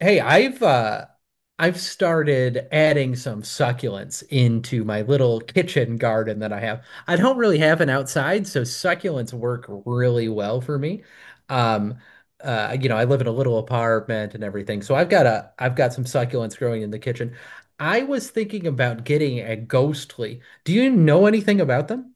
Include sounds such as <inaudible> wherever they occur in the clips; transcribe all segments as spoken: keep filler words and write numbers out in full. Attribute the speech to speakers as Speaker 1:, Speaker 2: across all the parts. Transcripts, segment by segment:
Speaker 1: Hey, I've uh I've started adding some succulents into my little kitchen garden that I have. I don't really have an outside, so succulents work really well for me. Um uh you know, I live in a little apartment and everything. So I've got a I've got some succulents growing in the kitchen. I was thinking about getting a ghostly. Do you know anything about them?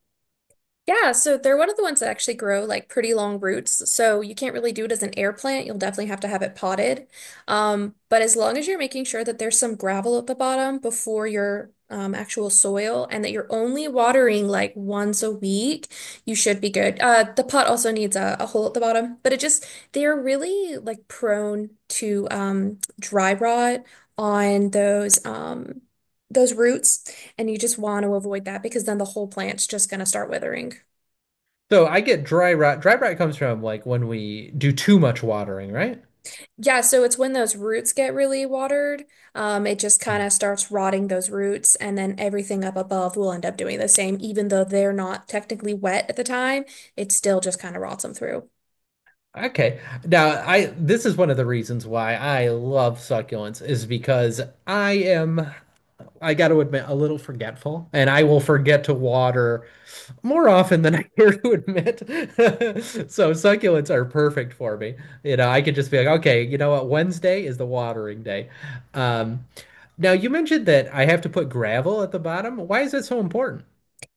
Speaker 2: Yeah, so they're one of the ones that actually grow like pretty long roots. So you can't really do it as an air plant. You'll definitely have to have it potted. Um, but as long as you're making sure that there's some gravel at the bottom before your um, actual soil and that you're only watering like once a week, you should be good. Uh, the pot also needs a, a hole at the bottom, but it just, they're really like prone to um, dry rot on those, um, those roots. And you just want to avoid that because then the whole plant's just going to start withering.
Speaker 1: So I get dry rot. Dry rot comes from like when we do too much watering, right?
Speaker 2: Yeah, so it's when those roots get really watered, um, it just kind of
Speaker 1: Hmm.
Speaker 2: starts rotting those roots, and then everything up above will end up doing the same, even though they're not technically wet at the time, it still just kind of rots them through.
Speaker 1: Okay. Now, I this is one of the reasons why I love succulents is because I am I got to admit, a little forgetful, and I will forget to water more often than <laughs> I care to admit. <laughs> So succulents are perfect for me. You know, I could just be like, okay, you know what? Wednesday is the watering day. Um, now you mentioned that I have to put gravel at the bottom. Why is that so important?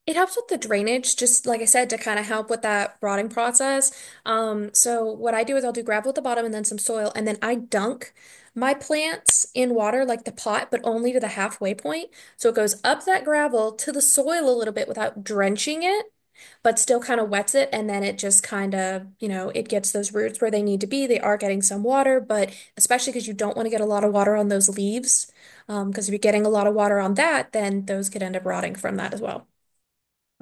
Speaker 2: It helps with the drainage, just like I said, to kind of help with that rotting process. Um, so what I do is I'll do gravel at the bottom and then some soil, and then I dunk my plants in water like the pot, but only to the halfway point. So it goes up that gravel to the soil a little bit without drenching it but still kind of wets it. And then it just kind of, you know, it gets those roots where they need to be. They are getting some water, but especially because you don't want to get a lot of water on those leaves. Um, because if you're getting a lot of water on that, then those could end up rotting from that as well.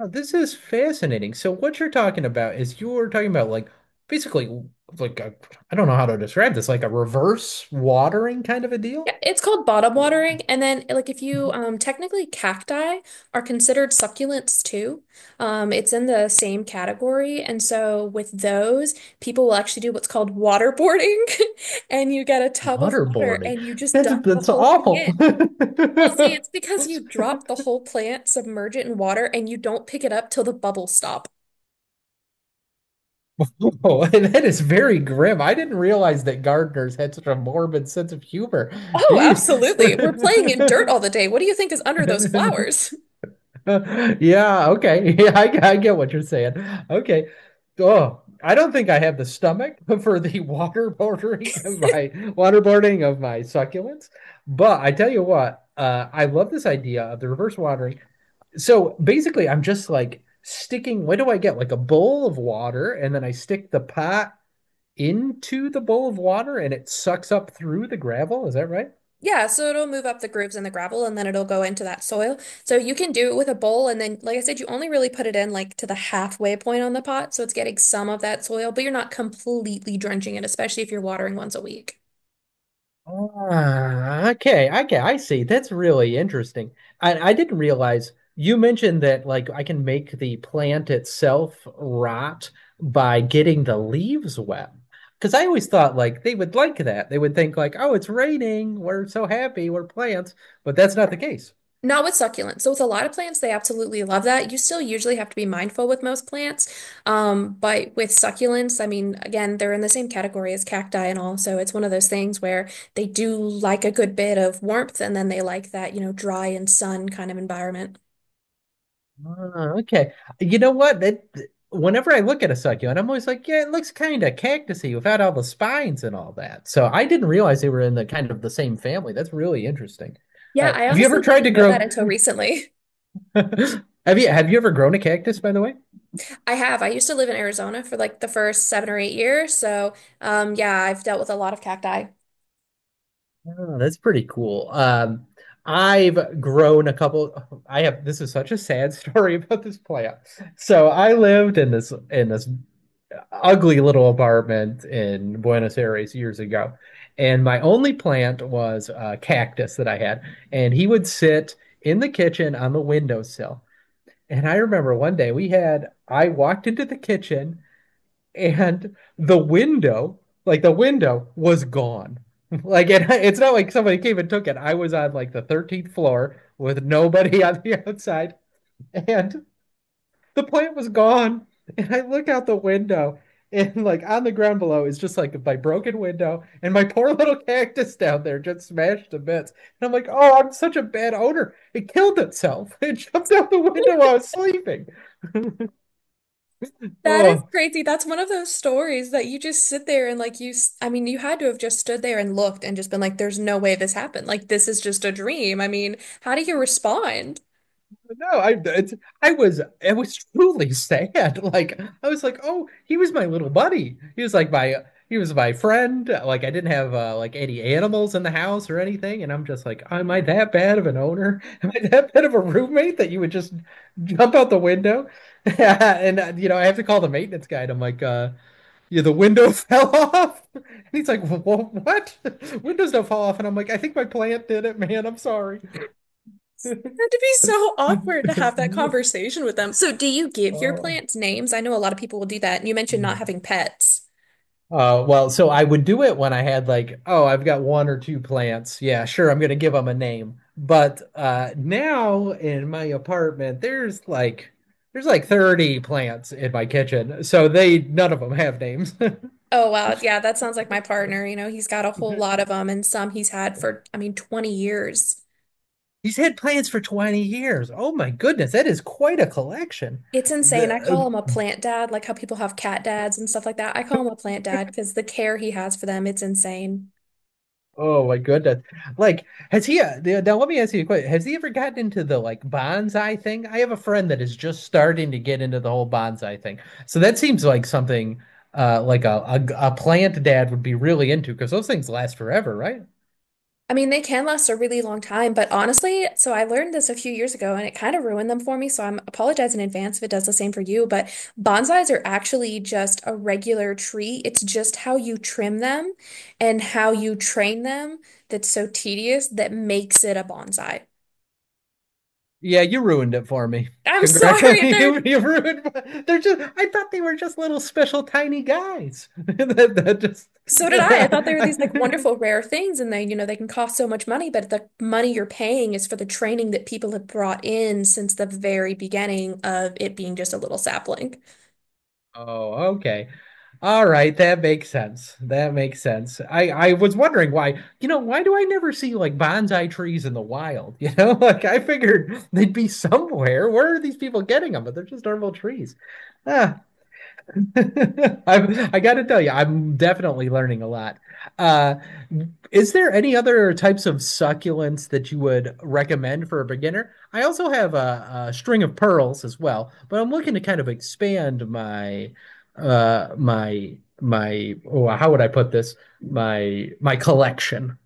Speaker 1: Oh, this is fascinating. So what you're talking about is you're talking about like basically like I I don't know how to describe this, like a reverse watering kind of a
Speaker 2: Yeah,
Speaker 1: deal?
Speaker 2: it's called bottom watering. And then, like, if you um, technically cacti are considered succulents too, um, it's in the same category. And so, with those, people will actually do what's called waterboarding, <laughs> and you get a tub of water
Speaker 1: Waterboarding.
Speaker 2: and you just
Speaker 1: That's
Speaker 2: dump the
Speaker 1: that's
Speaker 2: whole thing
Speaker 1: awful.
Speaker 2: in. Well, see, it's
Speaker 1: <laughs>
Speaker 2: because you drop the whole plant, submerge it in water, and you don't pick it up till the bubbles stop.
Speaker 1: Oh, and that is very grim. I didn't realize that gardeners had such a morbid sense of humor.
Speaker 2: Oh,
Speaker 1: Jeez.
Speaker 2: absolutely. We're playing in dirt
Speaker 1: <laughs>
Speaker 2: all the day. What do you think is under those flowers? <laughs>
Speaker 1: Yeah, okay. Yeah, I, I get what you're saying. Okay. Oh, I don't think I have the stomach for the <laughs> waterboarding of my waterboarding of my succulents. But I tell you what, uh, I love this idea of the reverse watering. So basically, I'm just like sticking, what do I get? Like a bowl of water, and then I stick the pot into the bowl of water and it sucks up through the gravel. Is that right?
Speaker 2: Yeah, so it'll move up the grooves in the gravel and then it'll go into that soil. So you can do it with a bowl, and then like I said, you only really put it in like to the halfway point on the pot, so it's getting some of that soil, but you're not completely drenching it, especially if you're watering once a week.
Speaker 1: Ah, okay, okay, I see. That's really interesting. I, I didn't realize you mentioned that like I can make the plant itself rot by getting the leaves wet. Because I always thought like they would like that. They would think like, oh, it's raining. We're so happy. We're plants. But that's not the case.
Speaker 2: Not with succulents. So with a lot of plants, they absolutely love that. You still usually have to be mindful with most plants. Um, but with succulents, I mean, again, they're in the same category as cacti and all. So it's one of those things where they do like a good bit of warmth and then they like that, you know, dry and sun kind of environment.
Speaker 1: Ah, okay. You know what? That Whenever I look at a succulent, I'm always like, yeah, it looks kind of cactusy without all the spines and all that. So I didn't realize they were in the kind of the same family. That's really interesting.
Speaker 2: Yeah,
Speaker 1: Uh,
Speaker 2: I
Speaker 1: have you ever
Speaker 2: honestly
Speaker 1: tried
Speaker 2: didn't
Speaker 1: to
Speaker 2: know that
Speaker 1: grow?
Speaker 2: until recently.
Speaker 1: <laughs> Have you have you ever grown a cactus, by the way?
Speaker 2: <laughs> I have. I used to live in Arizona for like the first seven or eight years. So, um, yeah, I've dealt with a lot of cacti.
Speaker 1: Oh, that's pretty cool. Um, I've grown a couple. I have. This is such a sad story <laughs> about this plant. So I lived in this in this ugly little apartment in Buenos Aires years ago. And my only plant was a cactus that I had. And he would sit in the kitchen on the windowsill. And I remember one day we had, I walked into the kitchen and the window, like the window was gone. <laughs> Like it, it's not like somebody came and took it. I was on like the thirteenth floor with nobody <laughs> on the outside. And the plant was gone. And I look out the window, and like on the ground below is just like my broken window and my poor little cactus down there just smashed to bits. And I'm like, oh, I'm such a bad owner. It killed itself. <laughs> It jumped out the window while I was sleeping.
Speaker 2: That is
Speaker 1: Oh,
Speaker 2: crazy. That's one of those stories that you just sit there and like you, s- I mean, you had to have just stood there and looked and just been like, there's no way this happened. Like, this is just a dream. I mean, how do you respond?
Speaker 1: No, I it's, I was I was truly <laughs> sad. Like I was like, oh, he was my little buddy. He was like my he was my friend. Like I didn't have uh, like any animals in the house or anything, and I'm just like, am I that bad of an owner? <laughs> Am I that bad of a roommate that you would just jump out the window? <laughs> And uh, you know, I have to call the maintenance guy. And I'm like, uh, yeah, the window fell off. <laughs> And he's like, "Wha- what? <laughs> Windows don't fall off." And I'm like, I think my plant did it, man. I'm sorry.
Speaker 2: It had to be so awkward to have that
Speaker 1: <laughs>
Speaker 2: conversation with them. So, do you give your
Speaker 1: Oh.
Speaker 2: plants names? I know a lot of people will do that. And you mentioned not
Speaker 1: Hmm.
Speaker 2: having pets.
Speaker 1: Uh, well, so I would do it when I had like, oh, I've got one or two plants. Yeah, sure, I'm gonna give them a name. But uh, now in my apartment, there's like there's like thirty plants in my kitchen. So they none of them have names.
Speaker 2: Oh, wow. Yeah, that sounds like my partner. You know, he's got a whole lot
Speaker 1: <laughs>
Speaker 2: of them and some he's had for, I mean, twenty years.
Speaker 1: He's had plants for twenty years. Oh my goodness, that is quite a collection.
Speaker 2: It's insane.
Speaker 1: The
Speaker 2: I call him a
Speaker 1: uh,
Speaker 2: plant dad, like how people have cat dads and stuff like that. I call him a plant dad because the care he has for them, it's insane.
Speaker 1: Oh my goodness. Like, has he, uh, th- now let me ask you a question. Has he ever gotten into the like bonsai thing? I have a friend that is just starting to get into the whole bonsai thing. So that seems like something uh like a a, a plant dad would be really into because those things last forever, right?
Speaker 2: I mean, they can last a really long time, but honestly, so I learned this a few years ago and it kind of ruined them for me. So I'm apologize in advance if it does the same for you, but bonsais are actually just a regular tree. It's just how you trim them and how you train them that's so tedious that makes it a bonsai.
Speaker 1: Yeah, you ruined it for me.
Speaker 2: I'm
Speaker 1: Congrats. <laughs>
Speaker 2: sorry, <laughs> they're
Speaker 1: You, you ruined my- they're just I thought they were just little special tiny guys. <laughs> That, that
Speaker 2: So did I. I thought they were these like
Speaker 1: just <laughs>
Speaker 2: wonderful rare things and they, you know, they can cost so much money, but the money you're paying is for the training that people have brought in since the very beginning of it being just a little sapling.
Speaker 1: Oh, okay. All right, that makes sense. That makes sense. I I was wondering why, you know, why do I never see like bonsai trees in the wild? <laughs> You know, like I figured they'd be somewhere. Where are these people getting them? But they're just normal trees. Ah, <laughs> I I got to tell you, I'm definitely learning a lot. Uh, is there any other types of succulents that you would recommend for a beginner? I also have a, a string of pearls as well, but I'm looking to kind of expand my uh my my oh, how would I put this? My my collection.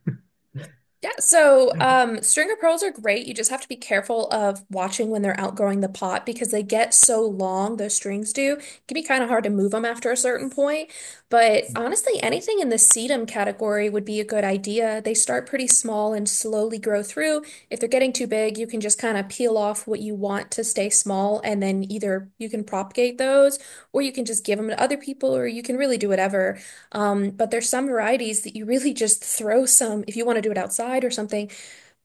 Speaker 2: Yeah, so um, stringer pearls are great. You just have to be careful of watching when they're outgrowing the pot because they get so long, those strings do. It can be kind of hard to move them after a certain point. But honestly, anything in the sedum category would be a good idea. They start pretty small and slowly grow through. If they're getting too big, you can just kind of peel off what you want to stay small, and then either you can propagate those, or you can just give them to other people, or you can really do whatever. Um, but there's some varieties that you really just throw some, if you want to do it outside or something,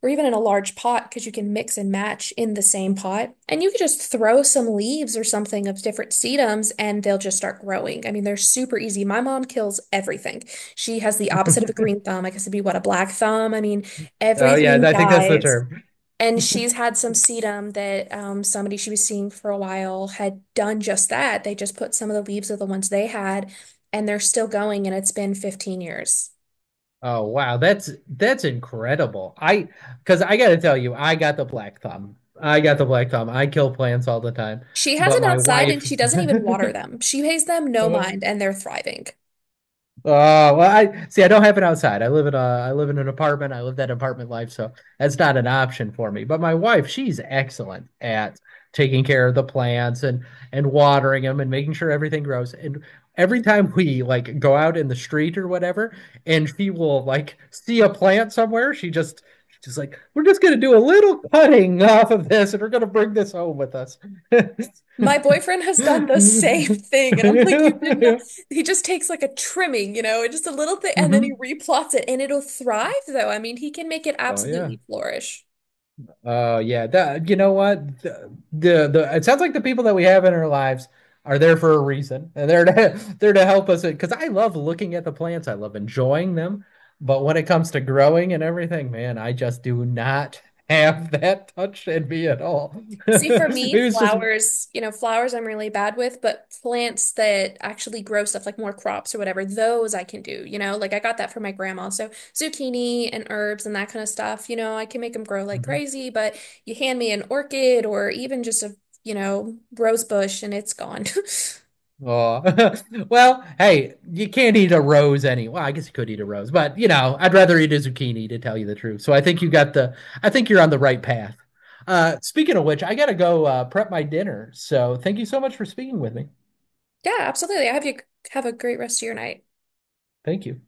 Speaker 2: or even in a large pot, because you can mix and match in the same pot. And you could just throw some leaves or something of different sedums and they'll just start growing. I mean, they're super easy. My mom kills everything. She has the opposite of a
Speaker 1: <laughs>
Speaker 2: green thumb. I guess it'd be what, a black thumb? I mean,
Speaker 1: Oh yeah,
Speaker 2: everything
Speaker 1: I think that's the
Speaker 2: dies.
Speaker 1: term.
Speaker 2: And she's had some sedum that um, somebody she was seeing for a while had done just that. They just put some of the leaves of the ones they had, and they're still going, and it's been fifteen years.
Speaker 1: Oh wow, that's that's incredible. I because I gotta tell you, I got the black thumb. I got the black thumb. I kill plants all the time,
Speaker 2: She has
Speaker 1: but
Speaker 2: them
Speaker 1: my
Speaker 2: outside and
Speaker 1: wife
Speaker 2: she doesn't even water them. She pays them no mind,
Speaker 1: <laughs>
Speaker 2: and they're thriving.
Speaker 1: oh well, I see. I don't have it outside. I live in a. I live in an apartment. I live that apartment life, so that's not an option for me. But my wife, she's excellent at taking care of the plants and and watering them and making sure everything grows. And every time we like go out in the street or whatever, and she will like see a plant somewhere, she just she's just like, "We're just gonna do a little cutting off of this, and we're gonna bring this home with us."
Speaker 2: My boyfriend has done the same <laughs> thing, and I'm like, you did
Speaker 1: <laughs>
Speaker 2: not. He just takes like a trimming, you know, just a little thing, and then he
Speaker 1: hmm.
Speaker 2: replots it, and it'll thrive, though. I mean, he can make it
Speaker 1: Oh yeah.
Speaker 2: absolutely flourish.
Speaker 1: Oh yeah, that you know what, the, the the it sounds like the people that we have in our lives are there for a reason. And they're to, <laughs> they're to help us because I love looking at the plants. I love enjoying them, but when it comes to growing and everything, man, I just do not <laughs> have that touch in me at all. <laughs> Maybe
Speaker 2: See, for me,
Speaker 1: it's just
Speaker 2: flowers, you know, flowers I'm really bad with, but plants that actually grow stuff like more crops or whatever, those I can do, you know, like I got that from my grandma. So zucchini and herbs and that kind of stuff, you know, I can make them grow like crazy, but you hand me an orchid or even just a, you know, rose bush and it's gone. <laughs>
Speaker 1: oh, <laughs> well, hey, you can't eat a rose any. Well, I guess you could eat a rose, but you know, I'd rather eat a zucchini to tell you the truth. So I think you got the, I think you're on the right path. Uh, speaking of which, I gotta go uh, prep my dinner. So thank you so much for speaking with me.
Speaker 2: Yeah, absolutely. I have you have a great rest of your night.
Speaker 1: Thank you.